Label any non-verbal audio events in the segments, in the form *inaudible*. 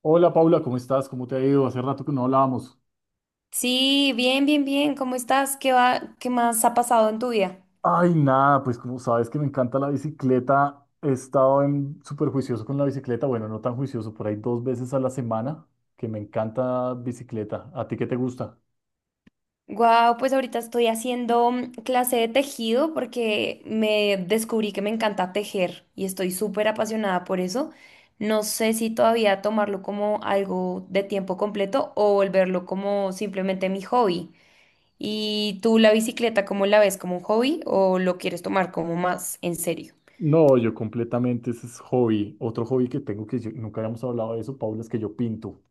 Hola Paula, ¿cómo estás? ¿Cómo te ha ido? Hace rato que no hablábamos. Sí, bien, bien, bien. ¿Cómo estás? ¿Qué va? ¿Qué más ha pasado en tu vida? Ay, nada, pues como sabes que me encanta la bicicleta, he estado súper juicioso con la bicicleta, bueno, no tan juicioso, por ahí dos veces a la semana, que me encanta bicicleta. ¿A ti qué te gusta? Wow, pues ahorita estoy haciendo clase de tejido porque me descubrí que me encanta tejer y estoy súper apasionada por eso. No sé si todavía tomarlo como algo de tiempo completo o volverlo como simplemente mi hobby. ¿Y tú la bicicleta cómo la ves? ¿Como un hobby o lo quieres tomar como más en serio? No, yo completamente, ese es hobby. Otro hobby que tengo nunca habíamos hablado de eso, Paula, es que yo pinto.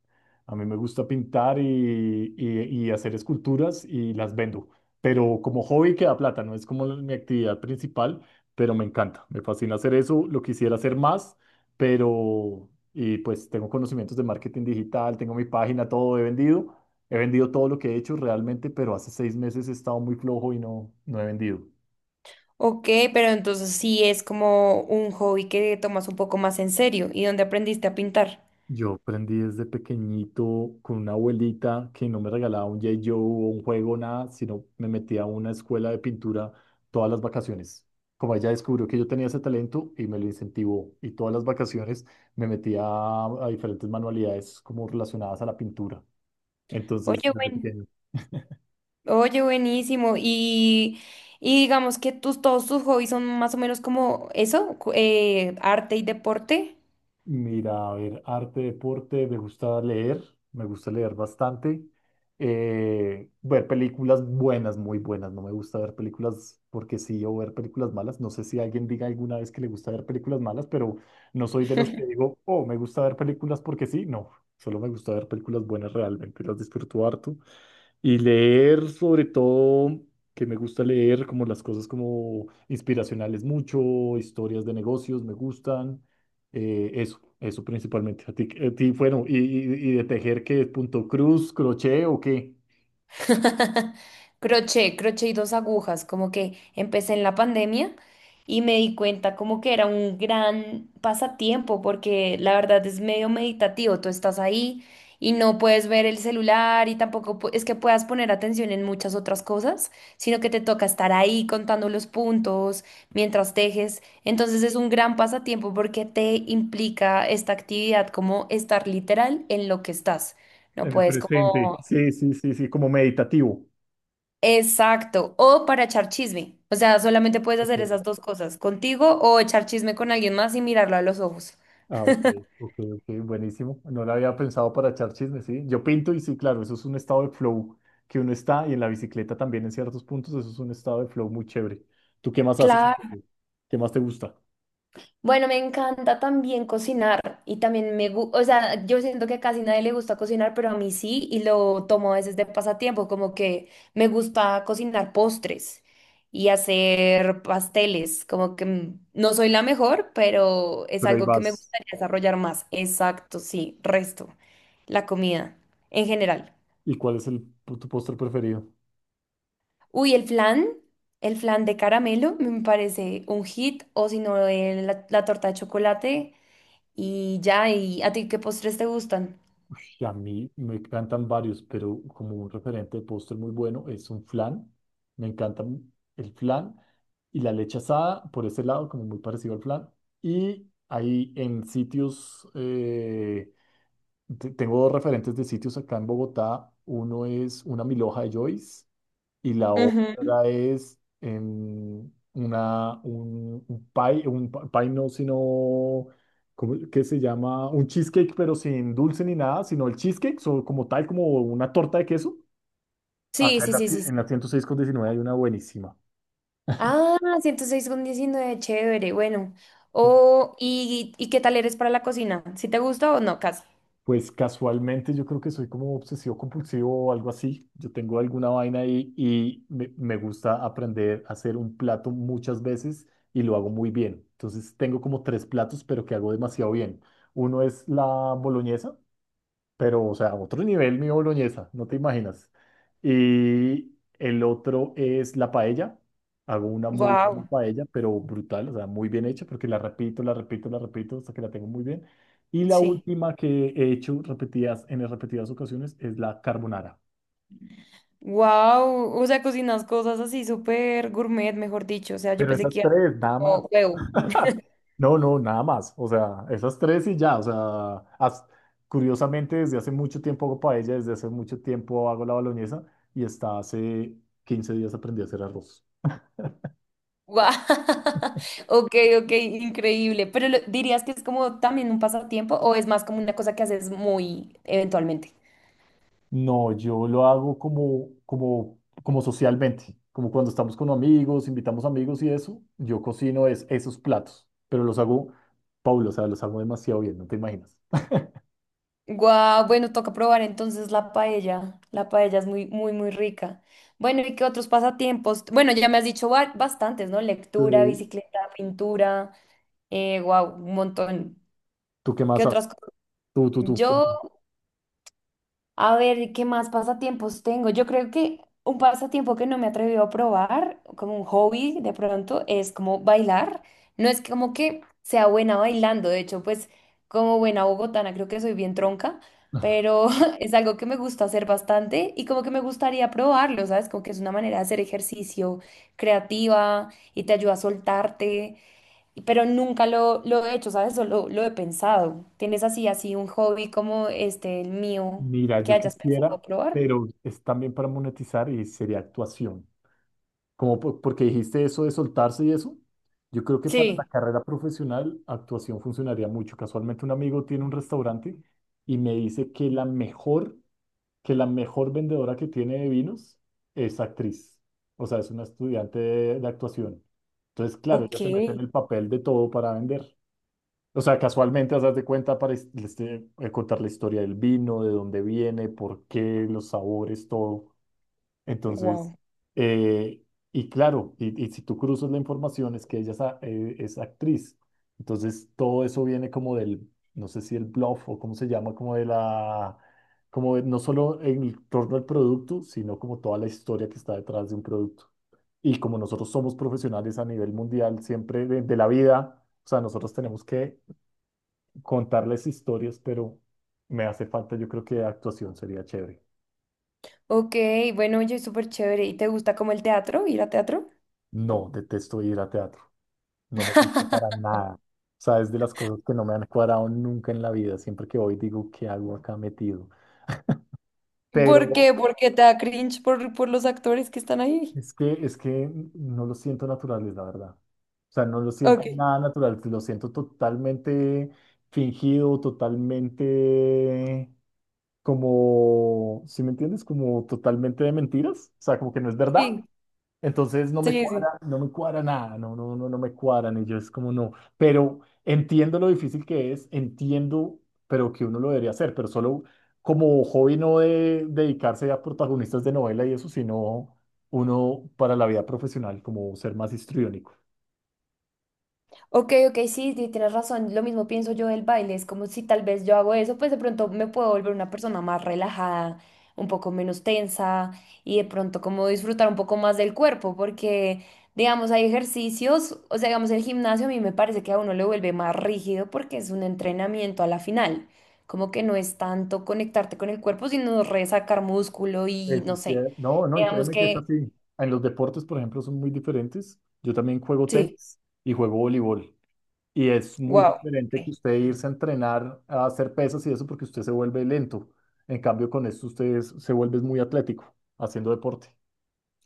A mí me gusta pintar y y hacer esculturas y las vendo. Pero como hobby queda plata, no es como mi actividad principal, pero me encanta. Me fascina hacer eso, lo quisiera hacer más, pero y pues tengo conocimientos de marketing digital, tengo mi página, todo he vendido. He vendido todo lo que he hecho realmente, pero hace 6 meses he estado muy flojo y no he vendido. Ok, pero entonces sí es como un hobby que tomas un poco más en serio. ¿Y donde aprendiste a pintar? Yo aprendí desde pequeñito con una abuelita que no me regalaba un G.I. Joe o un juego, nada, sino me metía a una escuela de pintura todas las vacaciones. Como ella descubrió que yo tenía ese talento y me lo incentivó, y todas las vacaciones me metía a diferentes manualidades como relacionadas a la pintura. Entonces, Oye, desde buen, pequeño. oye, buenísimo. Y digamos que todos tus hobbies son más o menos como eso, arte y deporte. Mira, a ver, arte, deporte, me gusta leer bastante. Ver películas buenas, muy buenas. No me gusta ver películas porque sí o ver películas malas. No sé si alguien diga alguna vez que le gusta ver películas malas, pero no soy de los *laughs* que digo, oh, me gusta ver películas porque sí. No, solo me gusta ver películas buenas realmente, las disfruto harto. Y leer sobre todo, que me gusta leer como las cosas como inspiracionales mucho, historias de negocios me gustan, eso principalmente. Bueno, y y de tejer, ¿qué? ¿Punto cruz, crochet o qué? *laughs* Crochet, crochet y dos agujas, como que empecé en la pandemia y me di cuenta como que era un gran pasatiempo porque la verdad es medio meditativo. Tú estás ahí y no puedes ver el celular y tampoco es que puedas poner atención en muchas otras cosas, sino que te toca estar ahí contando los puntos mientras tejes. Entonces es un gran pasatiempo porque te implica esta actividad como estar literal en lo que estás. No En el puedes presente. como... Sí, sí, sí, sí, como meditativo. exacto, o para echar chisme. O sea, solamente puedes Ok. hacer esas dos cosas, contigo o echar chisme con alguien más y mirarlo a los ojos. Ah, ok, ok, ok, buenísimo. No lo había pensado para echar chisme, sí. Yo pinto y sí, claro, eso es un estado de flow que uno está y en la bicicleta también en ciertos puntos, eso es un estado de flow muy chévere. ¿Tú qué más haces? Claro. ¿Qué más te gusta? Bueno, me encanta también cocinar y también me gusta. O sea, yo siento que casi nadie le gusta cocinar, pero a mí sí, y lo tomo a veces de pasatiempo. Como que me gusta cocinar postres y hacer pasteles. Como que no soy la mejor, pero es Pero ahí algo que me vas. gustaría desarrollar más. Exacto, sí, resto, la comida en general. ¿Y cuál es tu postre preferido? Uy, el flan de caramelo me parece un hit, o si no, la torta de chocolate y ya. ¿Y a ti qué postres te gustan? Que a mí me encantan varios, pero como un referente de postre muy bueno es un flan. Me encanta el flan y la leche asada, por ese lado, como muy parecido al flan. Y ahí en sitios, tengo dos referentes de sitios acá en Bogotá. Uno es una milhoja de Joyce y la Ujú. otra es un pie, un pa- pie no, sino, ¿cómo- ¿qué se llama? Un cheesecake, pero sin dulce ni nada, sino el cheesecake, como tal, como una torta de queso. Sí, Acá en sí, sí, sí, sí. en la 106 con 19 hay una buenísima. Ah, 106 con 19, chévere, bueno. Oh, ¿y qué tal eres para la cocina? ¿Si te gusta o no, casi? Pues casualmente yo creo que soy como obsesivo compulsivo o algo así. Yo tengo alguna vaina ahí y me gusta aprender a hacer un plato muchas veces y lo hago muy bien. Entonces tengo como tres platos, pero que hago demasiado bien. Uno es la boloñesa, pero, o sea, a otro nivel, mi boloñesa, no te imaginas. Y el otro es la paella. Hago una muy buena Wow, paella, pero brutal, o sea, muy bien hecha, porque la repito, la repito, la repito hasta que la tengo muy bien. Y la sí. última que he hecho repetidas, en repetidas ocasiones es la carbonara. Wow, o sea, cocinas cosas así súper gourmet, mejor dicho. O sea, yo Pero pensé esas que era tres, nada más. como huevo. *laughs* No, no, nada más. O sea, esas tres y ya. O sea, curiosamente desde hace mucho tiempo hago paella, desde hace mucho tiempo hago la boloñesa y hasta hace 15 días aprendí a hacer arroz. Guau. *laughs* Ok, ok, increíble. ¿Dirías que es como también un pasatiempo o es más como una cosa que haces muy eventualmente? No, yo lo hago como socialmente, como cuando estamos con amigos, invitamos amigos y eso, yo cocino es, esos platos, pero los hago, Paulo, o sea, los hago demasiado bien, no te imaginas. Guau, bueno, toca probar entonces la paella. La paella es muy, muy, muy rica. Bueno, ¿y qué otros pasatiempos? Bueno, ya me has dicho bastantes, ¿no? Lectura, Eh, bicicleta, pintura. Guau, un montón. ¿Tú qué ¿Qué más otras haces? cosas? Tú, tú, tú. Yo... a ver, ¿qué más pasatiempos tengo? Yo creo que un pasatiempo que no me he atrevido a probar, como un hobby de pronto, es como bailar. No es como que sea buena bailando, de hecho, pues como buena bogotana creo que soy bien tronca, pero *laughs* es algo que me gusta hacer bastante y como que me gustaría probarlo, ¿sabes? Como que es una manera de hacer ejercicio creativa y te ayuda a soltarte, pero nunca lo he hecho, ¿sabes? Solo lo he pensado. ¿Tienes así, así un hobby como este, el mío, Mira, que yo hayas quisiera, pensado probar? pero es también para monetizar y sería actuación. Como porque dijiste eso de soltarse y eso, yo creo que para la Sí. carrera profesional actuación funcionaría mucho. Casualmente un amigo tiene un restaurante y me dice que la mejor vendedora que tiene de vinos es actriz. O sea, es una estudiante de actuación. Entonces, claro, ella Ok, se mete en el papel de todo para vender. O sea, casualmente, haz de cuenta para contar la historia del vino, de dónde viene, por qué, los sabores, todo. Entonces, wow. eh, y claro, y si tú cruzas la información es que ella es, es actriz. Entonces, todo eso viene como del, no sé si el bluff o cómo se llama, como de la, como de- no solo en torno al producto, sino como toda la historia que está detrás de un producto. Y como nosotros somos profesionales a nivel mundial, siempre de la vida. O sea, nosotros tenemos que contarles historias, pero me hace falta, yo creo que actuación sería chévere. Ok, bueno, oye, súper chévere. ¿Y te gusta como el teatro, ir a teatro? No, detesto ir a teatro, no me gusta para *laughs* nada. O sea, es de las cosas que no me han cuadrado nunca en la vida. Siempre que voy digo, ¿qué hago acá metido? Pero ¿Por qué? ¿Porque te da cringe por los actores que están ahí? Es que no lo siento naturales, la verdad. O sea, no lo siento Ok, nada natural, lo siento totalmente fingido, totalmente como, ¿si me entiendes? Como totalmente de mentiras. O sea, como que no es verdad. sí, Entonces no me sí, sí. cuadra, no me cuadra nada, no, no, no, no me cuadran y yo es como no, pero entiendo lo difícil que es, entiendo, pero que uno lo debería hacer, pero solo como hobby no de dedicarse a protagonistas de novela y eso, sino uno para la vida profesional, como ser más histriónico. Ok, ok, sí, sí, tienes razón. Lo mismo pienso yo del baile. Es como si tal vez yo hago eso, pues de pronto me puedo volver una persona más relajada, un poco menos tensa y de pronto como disfrutar un poco más del cuerpo, porque digamos hay ejercicios, o sea, digamos el gimnasio a mí me parece que a uno le vuelve más rígido porque es un entrenamiento a la final. Como que no es tanto conectarte con el cuerpo, sino resacar músculo y Eso no sí, sé. No, y Digamos créeme que es que así. En los deportes, por ejemplo, son muy diferentes. Yo también juego sí, tenis y juego voleibol. Y es muy wow. diferente que usted irse a entrenar a hacer pesas y eso porque usted se vuelve lento. En cambio, con esto se vuelve muy atlético haciendo deporte.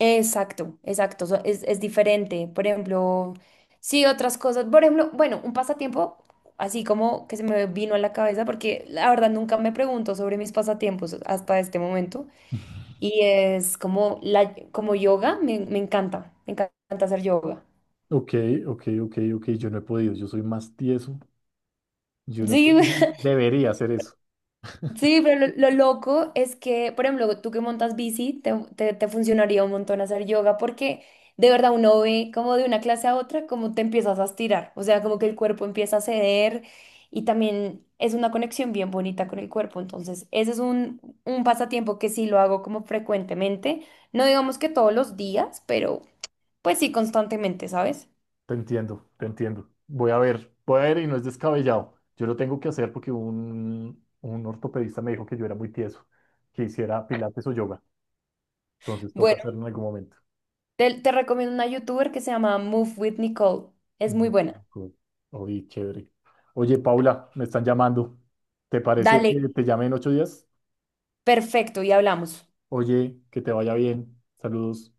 Exacto, exacto, es diferente. Por ejemplo, sí, otras cosas. Por ejemplo, bueno, un pasatiempo así como que se me vino a la cabeza, porque la verdad nunca me pregunto sobre mis pasatiempos hasta este momento. Y es como como yoga, me encanta hacer yoga. Ok, ok, ok, ok. Yo no he podido. Yo soy más tieso. Yo no he Sí. podido. *laughs* Debería hacer eso. Sí, pero lo loco es que, por ejemplo, tú que montas bici, te funcionaría un montón hacer yoga porque de verdad uno ve como de una clase a otra como te empiezas a estirar, o sea, como que el cuerpo empieza a ceder y también es una conexión bien bonita con el cuerpo. Entonces, ese es un pasatiempo que sí lo hago como frecuentemente, no digamos que todos los días, pero pues sí constantemente, ¿sabes? Te entiendo, te entiendo. Voy a ver y no es descabellado. Yo lo tengo que hacer porque un ortopedista me dijo que yo era muy tieso, que hiciera pilates o yoga. Entonces toca Bueno, hacerlo en algún momento. Te recomiendo una youtuber que se llama Move with Nicole, es muy No, buena. co- oye, chévere. Oye, Paula, me están llamando. ¿Te parece Dale, que te llame en 8 días? perfecto, y hablamos. Oye, que te vaya bien. Saludos.